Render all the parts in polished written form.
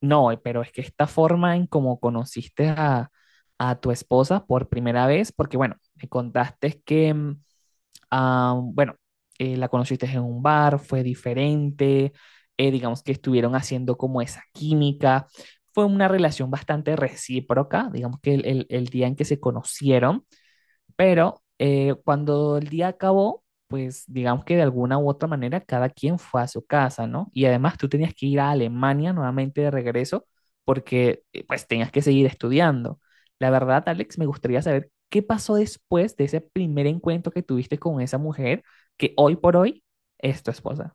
No, pero es que esta forma en cómo conociste a tu esposa por primera vez, porque bueno, me contaste que, ah, bueno, la conociste en un bar, fue diferente, digamos que estuvieron haciendo como esa química, fue una relación bastante recíproca, digamos que el día en que se conocieron, pero cuando el día acabó, pues digamos que de alguna u otra manera cada quien fue a su casa, ¿no? Y además tú tenías que ir a Alemania nuevamente de regreso porque pues tenías que seguir estudiando. La verdad, Alex, me gustaría saber qué pasó después de ese primer encuentro que tuviste con esa mujer que hoy por hoy es tu esposa.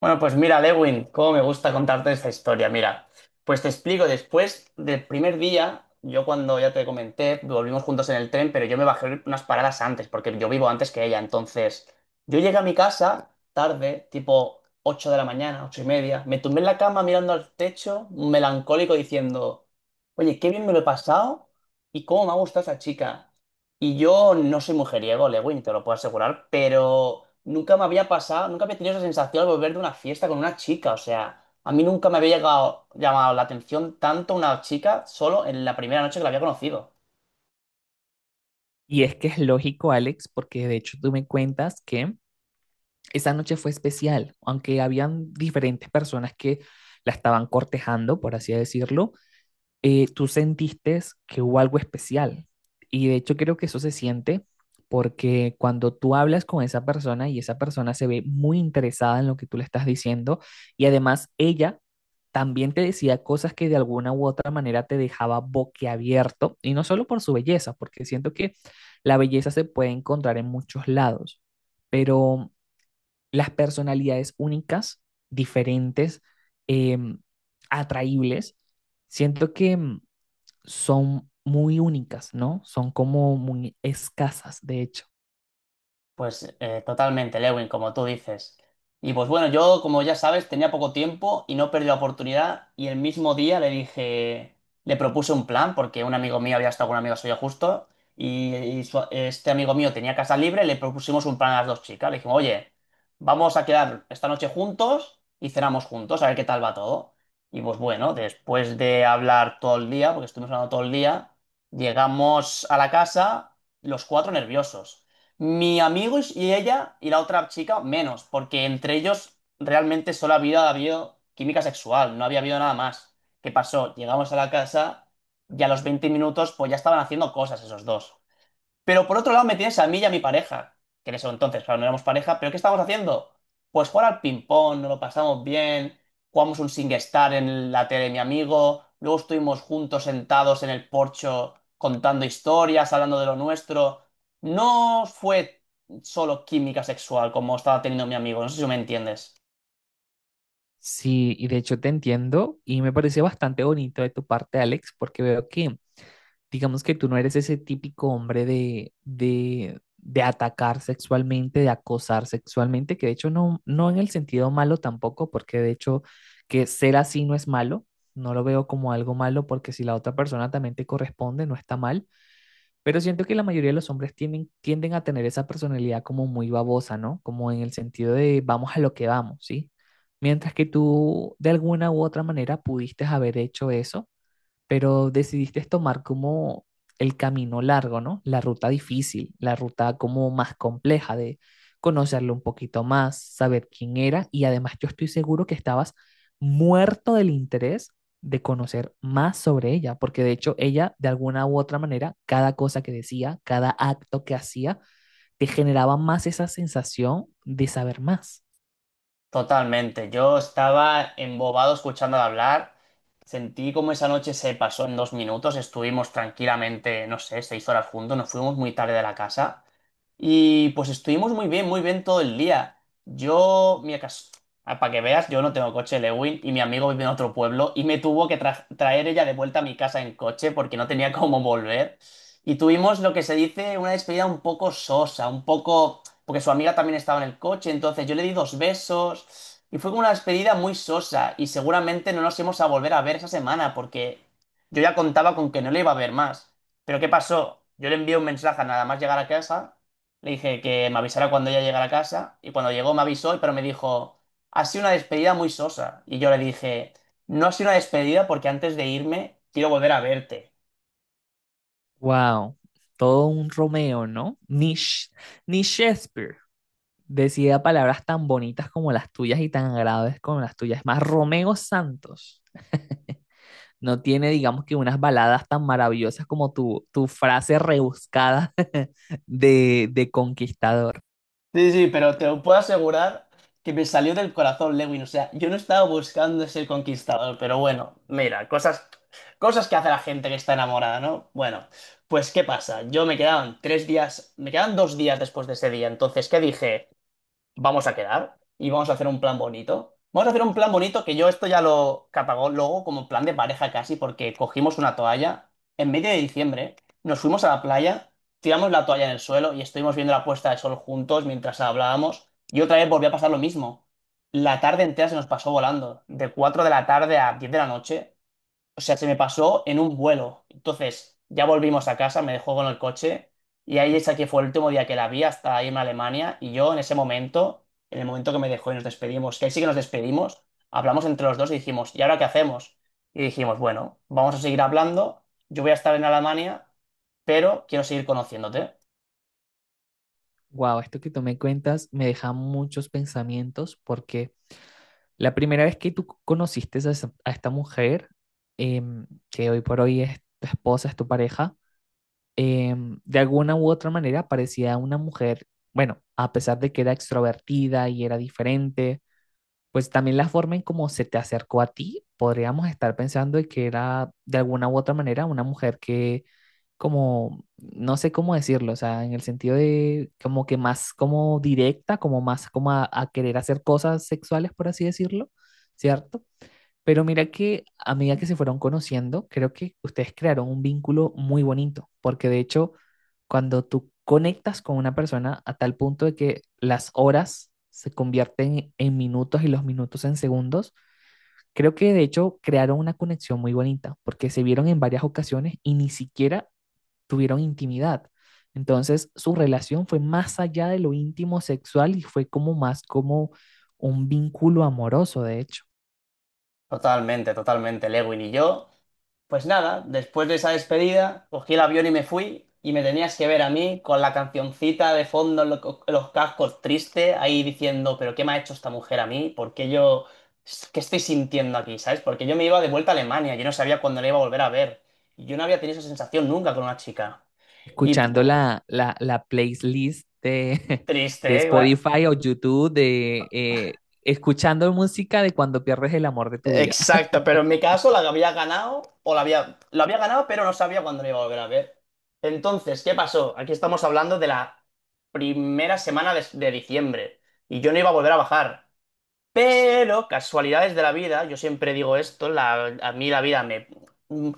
Bueno, pues mira, Lewin, cómo me gusta contarte esta historia. Mira, pues te explico, después del primer día, yo cuando ya te comenté, volvimos juntos en el tren, pero yo me bajé unas paradas antes, porque yo vivo antes que ella. Entonces, yo llegué a mi casa tarde, tipo 8 de la mañana, 8:30, me tumbé en la cama mirando al techo, melancólico, diciendo, oye, qué bien me lo he pasado y cómo me ha gustado esa chica. Y yo no soy mujeriego, Lewin, te lo puedo asegurar, pero nunca me había pasado, nunca había tenido esa sensación al volver de una fiesta con una chica. O sea, a mí nunca me había llegado, llamado la atención tanto una chica solo en la primera noche que la había conocido. Y es que es lógico, Alex, porque de hecho tú me cuentas que esa noche fue especial, aunque habían diferentes personas que la estaban cortejando, por así decirlo. Tú sentiste que hubo algo especial. Y de hecho creo que eso se siente porque cuando tú hablas con esa persona y esa persona se ve muy interesada en lo que tú le estás diciendo y además ella también te decía cosas que de alguna u otra manera te dejaba boquiabierto, y no solo por su belleza, porque siento que la belleza se puede encontrar en muchos lados, pero las personalidades únicas, diferentes, em, atraíbles, siento que son muy únicas, ¿no? Son como muy escasas, de hecho. Pues totalmente, Lewin, como tú dices. Y pues bueno, yo, como ya sabes, tenía poco tiempo y no perdí la oportunidad. Y el mismo día le dije, le propuse un plan, porque un amigo mío había estado con un amigo suyo justo, y este amigo mío tenía casa libre, le propusimos un plan a las dos chicas. Le dijimos, oye, vamos a quedar esta noche juntos y cenamos juntos, a ver qué tal va todo. Y pues bueno, después de hablar todo el día, porque estuvimos hablando todo el día, llegamos a la casa los cuatro nerviosos. Mi amigo y ella y la otra chica menos, porque entre ellos realmente solo había habido química sexual, no había habido nada más. ¿Qué pasó? Llegamos a la casa y a los 20 minutos pues ya estaban haciendo cosas esos dos. Pero por otro lado me tienes a mí y a mi pareja, que en eso entonces, claro, no éramos pareja, pero ¿qué estamos haciendo? Pues jugar al ping-pong, nos lo pasamos bien, jugamos un SingStar en la tele de mi amigo, luego estuvimos juntos sentados en el porcho contando historias, hablando de lo nuestro. No fue solo química sexual como estaba teniendo mi amigo, no sé si me entiendes. Sí, y de hecho te entiendo y me pareció bastante bonito de tu parte, Alex, porque veo que, digamos que tú no eres ese típico hombre de atacar sexualmente, de acosar sexualmente, que de hecho no, no en el sentido malo tampoco, porque de hecho que ser así no es malo, no lo veo como algo malo, porque si la otra persona también te corresponde, no está mal, pero siento que la mayoría de los hombres tienden a tener esa personalidad como muy babosa, ¿no? Como en el sentido de vamos a lo que vamos, ¿sí? Mientras que tú de alguna u otra manera pudiste haber hecho eso, pero decidiste tomar como el camino largo, ¿no? La ruta difícil, la ruta como más compleja de conocerlo un poquito más, saber quién era, y además yo estoy seguro que estabas muerto del interés de conocer más sobre ella, porque de hecho ella de alguna u otra manera, cada cosa que decía, cada acto que hacía, te generaba más esa sensación de saber más. Totalmente. Yo estaba embobado escuchándola hablar. Sentí como esa noche se pasó en 2 minutos. Estuvimos tranquilamente, no sé, 6 horas juntos. Nos fuimos muy tarde de la casa. Y pues estuvimos muy bien todo el día. Yo, ah, para que veas, yo no tengo coche, Lewin, y mi amigo vive en otro pueblo y me tuvo que traer ella de vuelta a mi casa en coche porque no tenía cómo volver. Y tuvimos lo que se dice una despedida un poco sosa, un poco, porque su amiga también estaba en el coche, entonces yo le di dos besos y fue como una despedida muy sosa y seguramente no nos íbamos a volver a ver esa semana porque yo ya contaba con que no le iba a ver más. Pero ¿qué pasó? Yo le envié un mensaje nada más llegar a casa. Le dije que me avisara cuando ella llegara a casa y cuando llegó me avisó, pero me dijo, ha sido una despedida muy sosa. Y yo le dije, no ha sido una despedida porque antes de irme quiero volver a verte. Wow, todo un Romeo, ¿no? Ni Shakespeare. Decía palabras tan bonitas como las tuyas y tan graves como las tuyas. Es más, Romeo Santos no tiene, digamos que, unas baladas tan maravillosas como tu frase rebuscada de conquistador. Sí, sí, pero te lo puedo asegurar que me salió del corazón, Lewin. O sea, yo no estaba buscando ser conquistador, pero bueno, mira, cosas, cosas que hace la gente que está enamorada, ¿no? Bueno, pues ¿qué pasa? Yo me quedaban 3 días, me quedaban 2 días después de ese día. Entonces, ¿qué dije? Vamos a quedar y vamos a hacer un plan bonito. Vamos a hacer un plan bonito que yo esto ya lo luego como plan de pareja casi, porque cogimos una toalla en medio de diciembre, nos fuimos a la playa, tiramos la toalla en el suelo y estuvimos viendo la puesta de sol juntos mientras hablábamos. Y otra vez volvió a pasar lo mismo. La tarde entera se nos pasó volando, de 4 de la tarde a 10 de la noche. O sea, se me pasó en un vuelo. Entonces, ya volvimos a casa, me dejó con el coche y ahí esa que fue el último día que la vi hasta irme a Alemania y yo en ese momento, en el momento que me dejó y nos despedimos, que ahí sí que nos despedimos, hablamos entre los dos y dijimos, ¿y ahora qué hacemos? Y dijimos, bueno, vamos a seguir hablando, yo voy a estar en Alemania, pero quiero seguir conociéndote. Wow, esto que tú me cuentas me deja muchos pensamientos porque la primera vez que tú conociste a esta mujer, que hoy por hoy es tu esposa, es tu pareja, de alguna u otra manera parecía una mujer, bueno, a pesar de que era extrovertida y era diferente, pues también la forma en cómo se te acercó a ti, podríamos estar pensando de que era de alguna u otra manera una mujer que como, no sé cómo decirlo, o sea, en el sentido de como que más como directa, como más como a querer hacer cosas sexuales, por así decirlo, ¿cierto? Pero mira que a medida que se fueron conociendo, creo que ustedes crearon un vínculo muy bonito, porque de hecho, cuando tú conectas con una persona a tal punto de que las horas se convierten en minutos y los minutos en segundos, creo que de hecho crearon una conexión muy bonita, porque se vieron en varias ocasiones y ni siquiera tuvieron intimidad. Entonces, su relación fue más allá de lo íntimo sexual y fue como más como un vínculo amoroso, de hecho. Totalmente, totalmente, Lewin y yo. Pues nada, después de esa despedida, cogí el avión y me fui y me tenías que ver a mí con la cancioncita de fondo en los cascos triste, ahí diciendo, pero ¿qué me ha hecho esta mujer a mí? ¿Por qué yo, qué estoy sintiendo aquí? ¿Sabes? Porque yo me iba de vuelta a Alemania, yo no sabía cuándo la iba a volver a ver. Y yo no había tenido esa sensación nunca con una chica. Y Escuchando pu- la playlist Triste, de ¿eh? Spotify o YouTube, de escuchando música de cuando pierdes el amor de tu vida. Exacto, pero en mi caso la había ganado, o la había, lo había ganado, pero no sabía cuándo lo iba a volver a ver. Entonces, ¿qué pasó? Aquí estamos hablando de la primera semana de diciembre y yo no iba a volver a bajar. Pero casualidades de la vida, yo siempre digo esto, a mí la vida me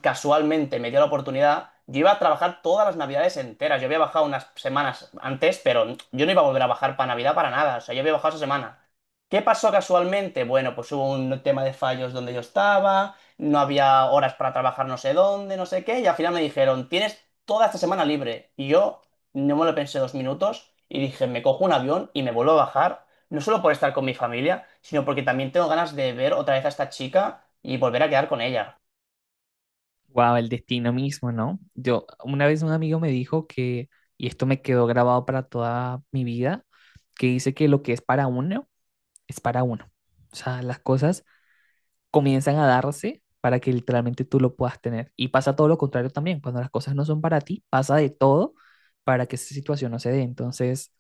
casualmente me dio la oportunidad. Yo iba a trabajar todas las navidades enteras. Yo había bajado unas semanas antes, pero yo no iba a volver a bajar para Navidad para nada. O sea, yo había bajado esa semana. ¿Qué pasó casualmente? Bueno, pues hubo un tema de fallos donde yo estaba, no había horas para trabajar no sé dónde, no sé qué, y al final me dijeron, tienes toda esta semana libre. Y yo no me lo pensé 2 minutos y dije, me cojo un avión y me vuelvo a bajar no solo por estar con mi familia, sino porque también tengo ganas de ver otra vez a esta chica y volver a quedar con ella. Wow, el destino mismo, ¿no? Yo, una vez un amigo me dijo que, y esto me quedó grabado para toda mi vida, que dice que lo que es para uno, es para uno. O sea, las cosas comienzan a darse para que literalmente tú lo puedas tener. Y pasa todo lo contrario también, cuando las cosas no son para ti, pasa de todo para que esa situación no se dé. Entonces,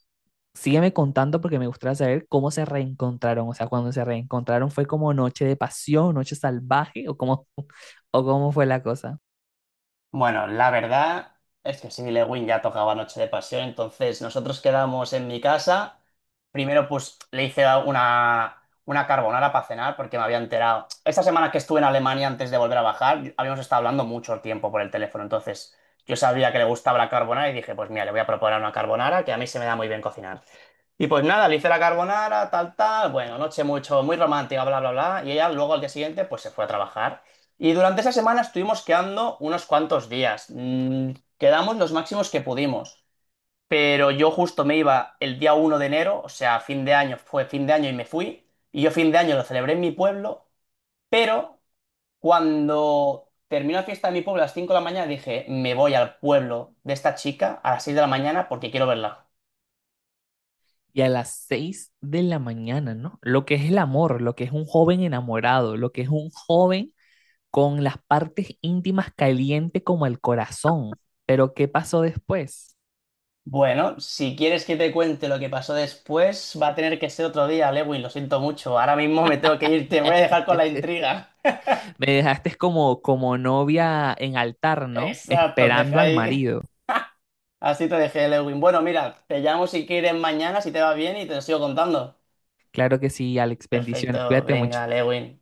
sígueme contando porque me gustaría saber cómo se reencontraron, o sea, cuando se reencontraron fue como noche de pasión, noche salvaje o cómo, o cómo fue la cosa. Bueno, la verdad es que Sidney Lewin ya tocaba Noche de Pasión, entonces nosotros quedamos en mi casa. Primero, pues le hice una carbonara para cenar porque me había enterado. Esta semana que estuve en Alemania antes de volver a bajar, habíamos estado hablando mucho tiempo por el teléfono, entonces yo sabía que le gustaba la carbonara y dije, pues mira, le voy a proponer una carbonara que a mí se me da muy bien cocinar. Y pues nada, le hice la carbonara, tal, tal, bueno, noche mucho, muy romántica, bla, bla, bla. Y ella luego al día siguiente pues se fue a trabajar. Y durante esa semana estuvimos quedando unos cuantos días. Quedamos los máximos que pudimos. Pero yo justo me iba el día 1 de enero, o sea, fin de año, fue fin de año y me fui. Y yo fin de año lo celebré en mi pueblo, pero cuando terminó la fiesta de mi pueblo a las 5 de la mañana dije, me voy al pueblo de esta chica a las 6 de la mañana porque quiero verla. ¿Y a las 6 de la mañana, no? Lo que es el amor, lo que es un joven enamorado, lo que es un joven con las partes íntimas caliente como el corazón. Pero ¿qué pasó después? Bueno, si quieres que te cuente lo que pasó después, va a tener que ser otro día, Lewin, lo siento mucho. Ahora mismo me tengo que ir, te voy a dejar con la intriga. Me dejaste como, como novia en altar, ¿no? Exacto, te Esperando deja al ahí. marido. Así te dejé, Lewin. Bueno, mira, te llamo si quieres mañana, si te va bien, y te lo sigo contando. Claro que sí, Alex, bendiciones, Perfecto, cuídate mucho. venga, Lewin.